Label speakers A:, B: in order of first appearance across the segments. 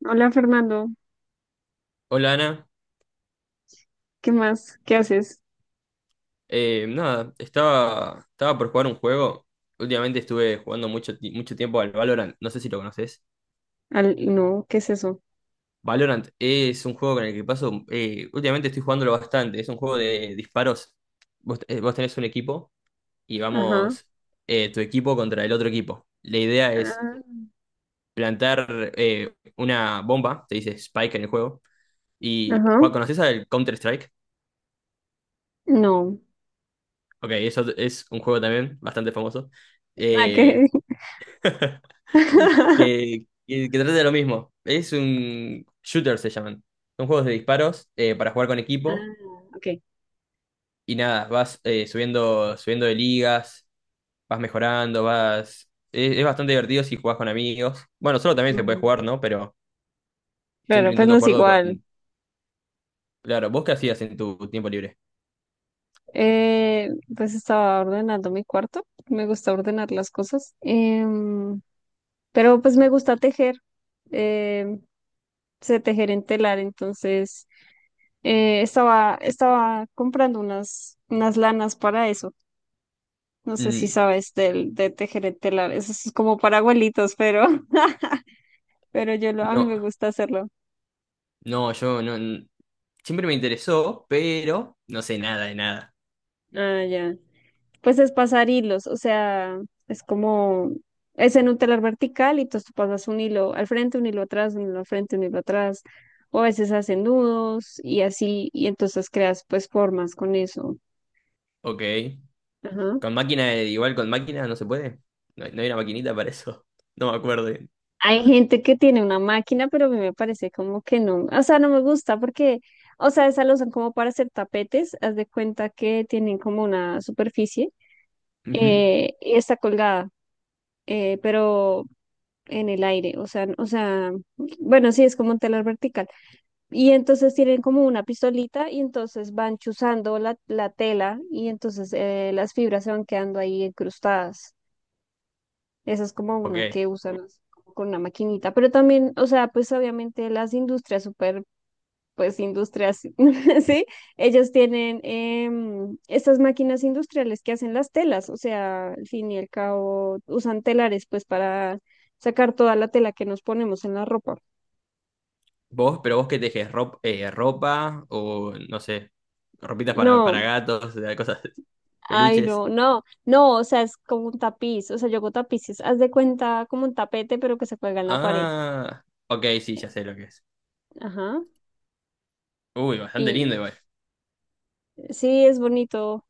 A: Hola Fernando,
B: Hola Ana.
A: ¿qué más? ¿Qué haces?
B: Nada, estaba por jugar un juego. Últimamente estuve jugando mucho, mucho tiempo al Valorant, no sé si lo conoces.
A: No, ¿qué es eso?
B: Valorant es un juego con el que paso, últimamente estoy jugándolo bastante, es un juego de disparos. Vos, vos tenés un equipo y
A: Ajá.
B: vamos tu equipo contra el otro equipo. La idea es
A: Ah,
B: plantar una bomba, te dice Spike en el juego. Y
A: ajá.
B: Juan, ¿conocés al Counter-Strike?
A: No.
B: Ok, es un juego también bastante famoso.
A: Ah,
B: Eh,
A: ¿qué?
B: que trate de lo mismo. Es un shooter, se llaman. Son juegos de disparos para jugar con equipo
A: Ah, ok.
B: y nada, vas subiendo de ligas, vas mejorando, vas... es bastante divertido si jugás con amigos. Bueno, solo también se puede
A: Mm,
B: jugar, ¿no? Pero siempre
A: claro, pues
B: intento
A: no es
B: jugarlo
A: igual.
B: con... Claro, ¿vos qué hacías en tu tiempo libre?
A: Eh, pues estaba ordenando mi cuarto. Me gusta ordenar las cosas. Pero pues me gusta tejer. Eh, Sé tejer en telar, entonces estaba comprando unas lanas para eso. No sé si
B: Mm,
A: sabes de tejer el telar. Eso es como para abuelitos, pero, pero a mí
B: no,
A: me gusta hacerlo.
B: no, yo no... Siempre me interesó, pero no sé nada de nada.
A: Ah, ya. Pues es pasar hilos, o sea, es como, es en un telar vertical y entonces tú pasas un hilo al frente, un hilo atrás, un hilo al frente, un hilo atrás. O a veces hacen nudos y así, y entonces creas pues formas con eso.
B: Ok.
A: Ajá.
B: Con máquina, igual con máquina no se puede. No, no hay una maquinita para eso. No me acuerdo.
A: Hay gente que tiene una máquina, pero a mí me parece como que no, o sea, no me gusta porque, o sea, esa lo usan como para hacer tapetes, haz de cuenta que tienen como una superficie
B: Ujú.
A: y está colgada, pero en el aire, o sea, bueno, sí, es como un telar vertical. Y entonces tienen como una pistolita y entonces van chuzando la tela y entonces las fibras se van quedando ahí incrustadas. Esa es como una
B: Ok.
A: que usan así como con una maquinita, pero también, o sea, pues obviamente las industrias súper, pues industrias, ¿sí? Ellos tienen estas máquinas industriales que hacen las telas, o sea, al fin y al cabo usan telares pues para sacar toda la tela que nos ponemos en la ropa.
B: Vos, pero vos qué tejes, ropa o no sé, ropitas
A: No,
B: para gatos, cosas,
A: ay,
B: peluches.
A: no, no, no, o sea, es como un tapiz, o sea, yo hago tapices, haz de cuenta como un tapete, pero que se cuelga en la pared.
B: Ah, ok, sí, ya sé lo que es.
A: Ajá.
B: Uy, bastante lindo
A: Y
B: igual.
A: sí, es bonito.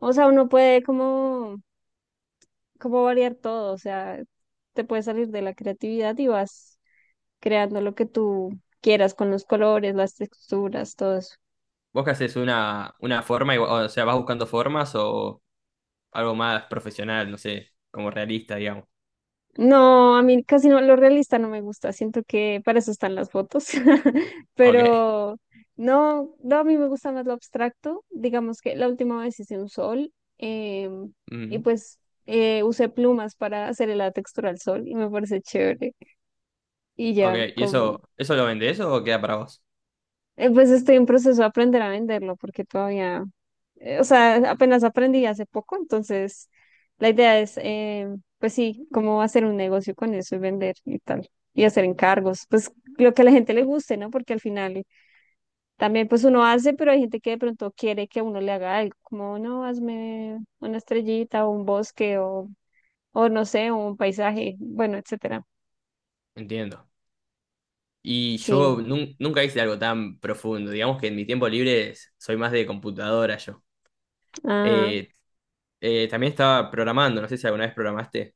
A: O sea, uno puede como, como variar todo, o sea, te puedes salir de la creatividad y vas creando lo que tú quieras con los colores, las texturas, todo eso.
B: ¿Vos qué haces una forma, o sea, vas buscando formas o algo más profesional, no sé, como realista, digamos?
A: No, a mí casi no, lo realista no me gusta, siento que para eso están las fotos,
B: Ok.
A: pero no, no, a mí me gusta más lo abstracto, digamos que la última vez hice un sol em, y
B: Mm,
A: pues usé plumas para hacerle la textura al sol y me parece chévere y
B: ok,
A: ya,
B: ¿y
A: como...
B: eso lo vendés o queda para vos?
A: Pues estoy en proceso de aprender a venderlo porque todavía, o sea, apenas aprendí hace poco, entonces la idea es pues sí, cómo hacer un negocio con eso y vender y tal, y hacer encargos, pues lo que a la gente le guste, ¿no? Porque al final también pues uno hace, pero hay gente que de pronto quiere que uno le haga algo, como no, hazme una estrellita o un bosque o no sé, un paisaje, bueno, etcétera.
B: Entiendo. Y yo
A: Sí,
B: nunca hice algo tan profundo, digamos que en mi tiempo libre soy más de computadora yo.
A: ajá.
B: Eh, también estaba programando, no sé si alguna vez programaste,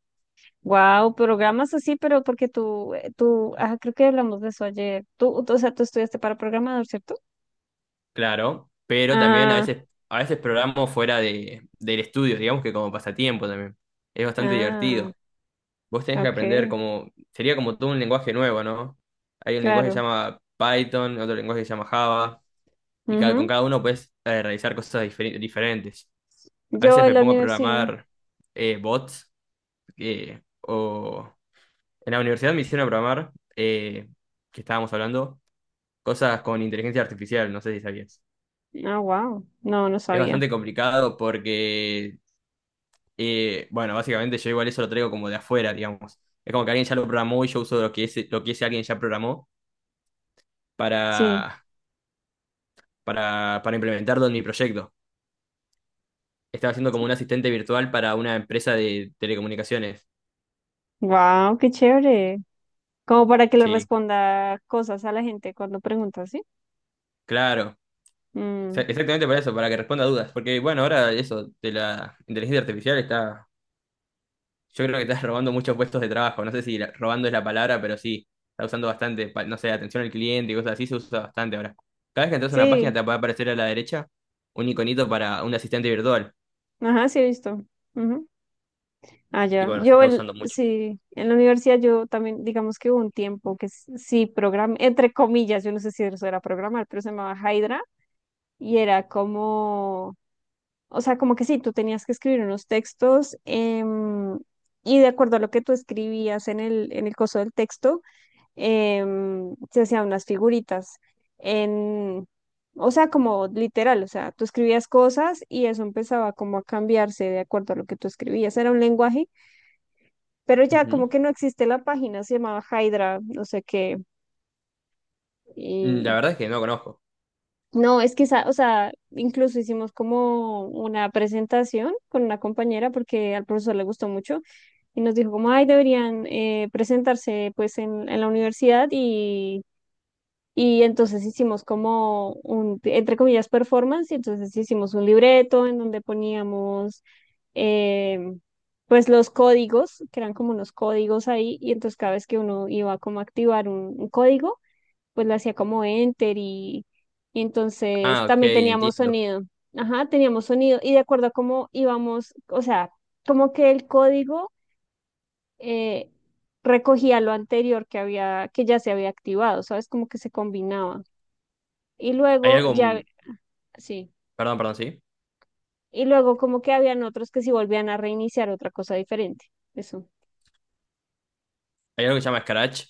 A: Wow, programas así, pero porque creo que hablamos de eso ayer. O sea, tú estudiaste para programador, ¿cierto?
B: claro, pero también
A: Ah,
B: a veces programo fuera de, del estudio, digamos que como pasatiempo también. Es bastante
A: ah,
B: divertido. Vos tenés que aprender
A: ok,
B: como, sería como todo un lenguaje nuevo, ¿no? Hay un lenguaje que se
A: claro.
B: llama Python, otro lenguaje que se llama Java, y cada, con
A: Ujú.
B: cada uno puedes realizar cosas diferentes. A
A: Yo
B: veces
A: en
B: me
A: la
B: pongo a
A: universidad.
B: programar bots, o en la universidad me hicieron programar, que estábamos hablando cosas con inteligencia artificial, no sé si sabías.
A: Ah, wow. No, no
B: Es
A: sabía.
B: bastante complicado porque, bueno, básicamente yo igual eso lo traigo como de afuera, digamos. Es como que alguien ya lo programó y yo uso lo que ese alguien ya programó
A: Sí.
B: para, para implementarlo en mi proyecto. Estaba haciendo como un asistente virtual para una empresa de telecomunicaciones.
A: Wow, qué chévere. Como para que le
B: Sí,
A: responda cosas a la gente cuando pregunta, ¿sí?
B: claro.
A: Mm,
B: Exactamente para eso, para que responda a dudas. Porque, bueno, ahora eso de la inteligencia artificial está. Yo creo que estás robando muchos puestos de trabajo. No sé si robando es la palabra, pero sí, está usando bastante, pa- no sé, atención al cliente y cosas así, se usa bastante ahora. Cada vez que entras a una página
A: sí,
B: te va a aparecer a la derecha un iconito para un asistente virtual.
A: ajá, sí he visto. Ujú.
B: Y
A: Allá.
B: bueno, se está usando mucho.
A: Sí, en la universidad yo también, digamos que hubo un tiempo que sí programé, entre comillas, yo no sé si eso era programar, pero se llamaba Hydra y era como, o sea, como que sí, tú tenías que escribir unos textos y de acuerdo a lo que tú escribías en el coso del texto, se hacían unas figuritas en... O sea, como literal, o sea, tú escribías cosas y eso empezaba como a cambiarse de acuerdo a lo que tú escribías. Era un lenguaje, pero ya
B: Ujú.
A: como que no existe la página, se llamaba Hydra, no sé qué.
B: Mm, la
A: Y
B: verdad es que no conozco.
A: no, es que, o sea, incluso hicimos como una presentación con una compañera porque al profesor le gustó mucho y nos dijo como, ay, deberían presentarse pues en la universidad. Y entonces hicimos como un, entre comillas, performance, y entonces hicimos un libreto en donde poníamos eh, pues los códigos, que eran como unos códigos ahí, y entonces cada vez que uno iba como a activar un código, pues le hacía como enter y entonces
B: Ah, ok,
A: también teníamos
B: entiendo.
A: sonido, ajá, teníamos sonido, y de acuerdo a cómo íbamos, o sea, como que el código... eh, recogía lo anterior que había, que ya se había activado, ¿sabes? Como que se combinaba. Y
B: Hay
A: luego
B: algo,
A: ya, sí.
B: perdón, perdón, sí.
A: Y luego como que habían otros que si volvían a reiniciar otra cosa diferente. Eso.
B: Hay algo que se llama Scratch.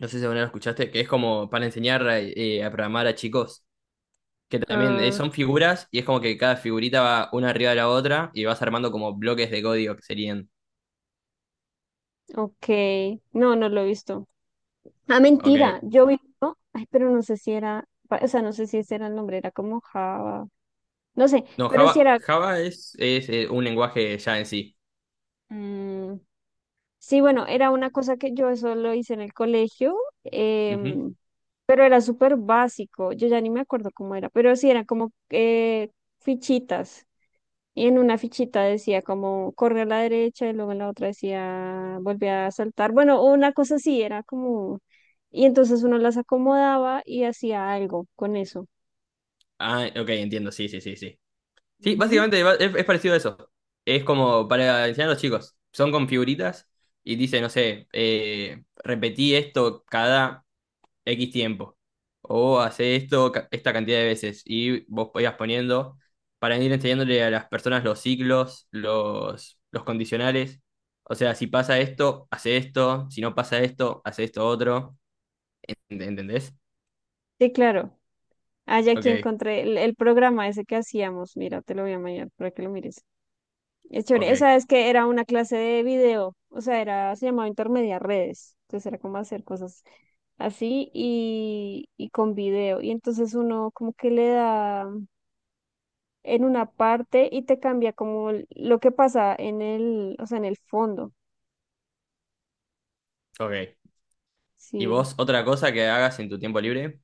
B: No sé si alguna vez lo escuchaste, que es como para enseñar a programar a chicos. Que también
A: Ah,
B: son figuras y es como que cada figurita va una arriba de la otra y vas armando como bloques de código que serían.
A: ok. No, no lo he visto. Ah,
B: Ok.
A: mentira. Yo vi uno. Ay, pero no sé si era, o sea, no sé si ese era el nombre, era como Java. No sé,
B: No,
A: pero si era.
B: Java es un lenguaje ya en sí.
A: Mm, sí, bueno, era una cosa que yo eso lo hice en el colegio.
B: Ujú.
A: em, pero era súper básico. Yo ya ni me acuerdo cómo era. Pero sí, era como fichitas. Y en una fichita decía como corre a la derecha y luego en la otra decía volví a saltar. Bueno, una cosa así era como... Y entonces uno las acomodaba y hacía algo con eso.
B: Ah, ok, entiendo, sí, sí, sí, sí. Sí,
A: Ujú.
B: básicamente es parecido a eso. Es como para enseñar a los chicos. Son con figuritas y dice, no sé, repetí esto cada X tiempo. O hace esto esta cantidad de veces. Y vos podías poniendo para ir enseñándole a las personas los ciclos, los condicionales. O sea, si pasa esto, hace esto. Si no pasa esto, hace esto otro. ¿Entendés?
A: Sí, claro. Ah, ya aquí
B: Ok,
A: encontré el programa ese que hacíamos. Mira, te lo voy a mandar para que lo mires. Es chévere.
B: ok,
A: Esa es que era una clase de video. O sea, era, se llamaba Intermedia Redes. Entonces era como hacer cosas así y con video. Y entonces uno como que le da en una parte y te cambia como lo que pasa en el, o sea, en el fondo.
B: ok. ¿Y
A: Sí.
B: vos otra cosa que hagas en tu tiempo libre?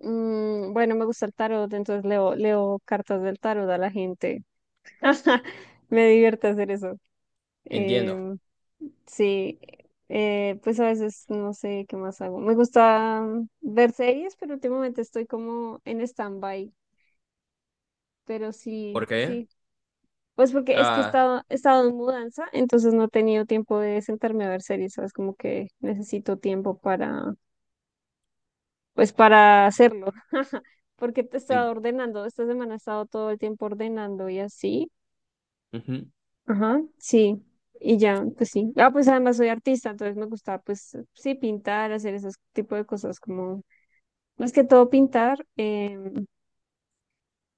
A: Mm, bueno, me gusta el tarot, entonces leo, leo cartas del tarot a la gente. Me divierte hacer eso.
B: Entiendo.
A: Em, sí, pues a veces no sé qué más hago. Me gusta mm, ver series, pero últimamente estoy como en stand-by. Pero
B: ¿Por
A: sí,
B: qué?
A: sí, pues porque es que
B: Estás...
A: he estado en mudanza, entonces no he tenido tiempo de sentarme a ver series, ¿sabes? Como que necesito tiempo para, pues para hacerlo, porque te he
B: en-
A: estado ordenando, esta semana he estado todo el tiempo ordenando y así,
B: Ujú.
A: ajá, sí, y ya, pues sí. Ah, pues además soy artista, entonces me gusta, pues sí, pintar, hacer ese tipo de cosas, como más que todo pintar, em,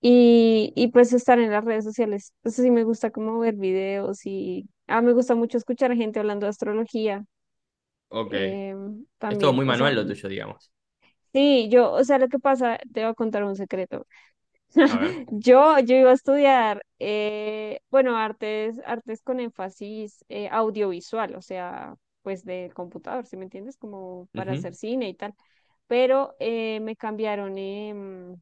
A: y pues estar en las redes sociales. Eso sí me gusta como ver videos y ah, me gusta mucho escuchar a gente hablando de astrología
B: Ok.
A: em,
B: Es todo
A: también.
B: muy
A: O sea,
B: manual lo tuyo, digamos.
A: sí, yo, o sea, lo que pasa, te voy a contar un secreto.
B: A ver.
A: Yo iba a estudiar, bueno, artes, artes con énfasis audiovisual, o sea, pues del computador, ¿si me entiendes? Como para
B: Ujú.
A: hacer cine y tal. Pero me cambiaron.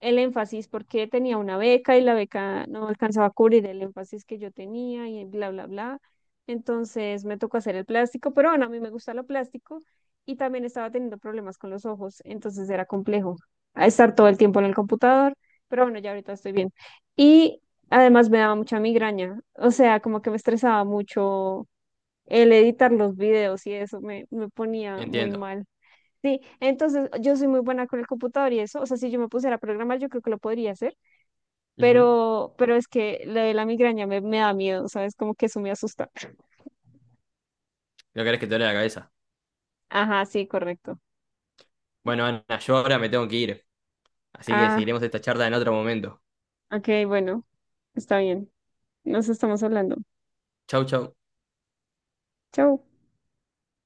A: El énfasis porque tenía una beca y la beca no alcanzaba a cubrir el énfasis que yo tenía y bla, bla, bla. Entonces me tocó hacer el plástico, pero bueno, a mí me gusta lo plástico y también estaba teniendo problemas con los ojos, entonces era complejo a estar todo el tiempo en el computador, pero bueno, ya ahorita estoy bien. Y además me daba mucha migraña, o sea, como que me estresaba mucho el editar los videos y eso me ponía muy
B: Entiendo.
A: mal. Sí, entonces yo soy muy buena con el computador y eso, o sea, si yo me pusiera a programar, yo creo que lo podría hacer,
B: Ujú.
A: pero es que lo de la migraña me da miedo, ¿sabes? Como que eso me asusta.
B: No querés que te duele la cabeza.
A: Ajá, sí, correcto.
B: Bueno, Ana, yo ahora me tengo que ir. Así que
A: Ah,
B: seguiremos esta charla en otro momento.
A: ok, bueno, está bien. Nos estamos hablando.
B: Chau, chau.
A: Chau.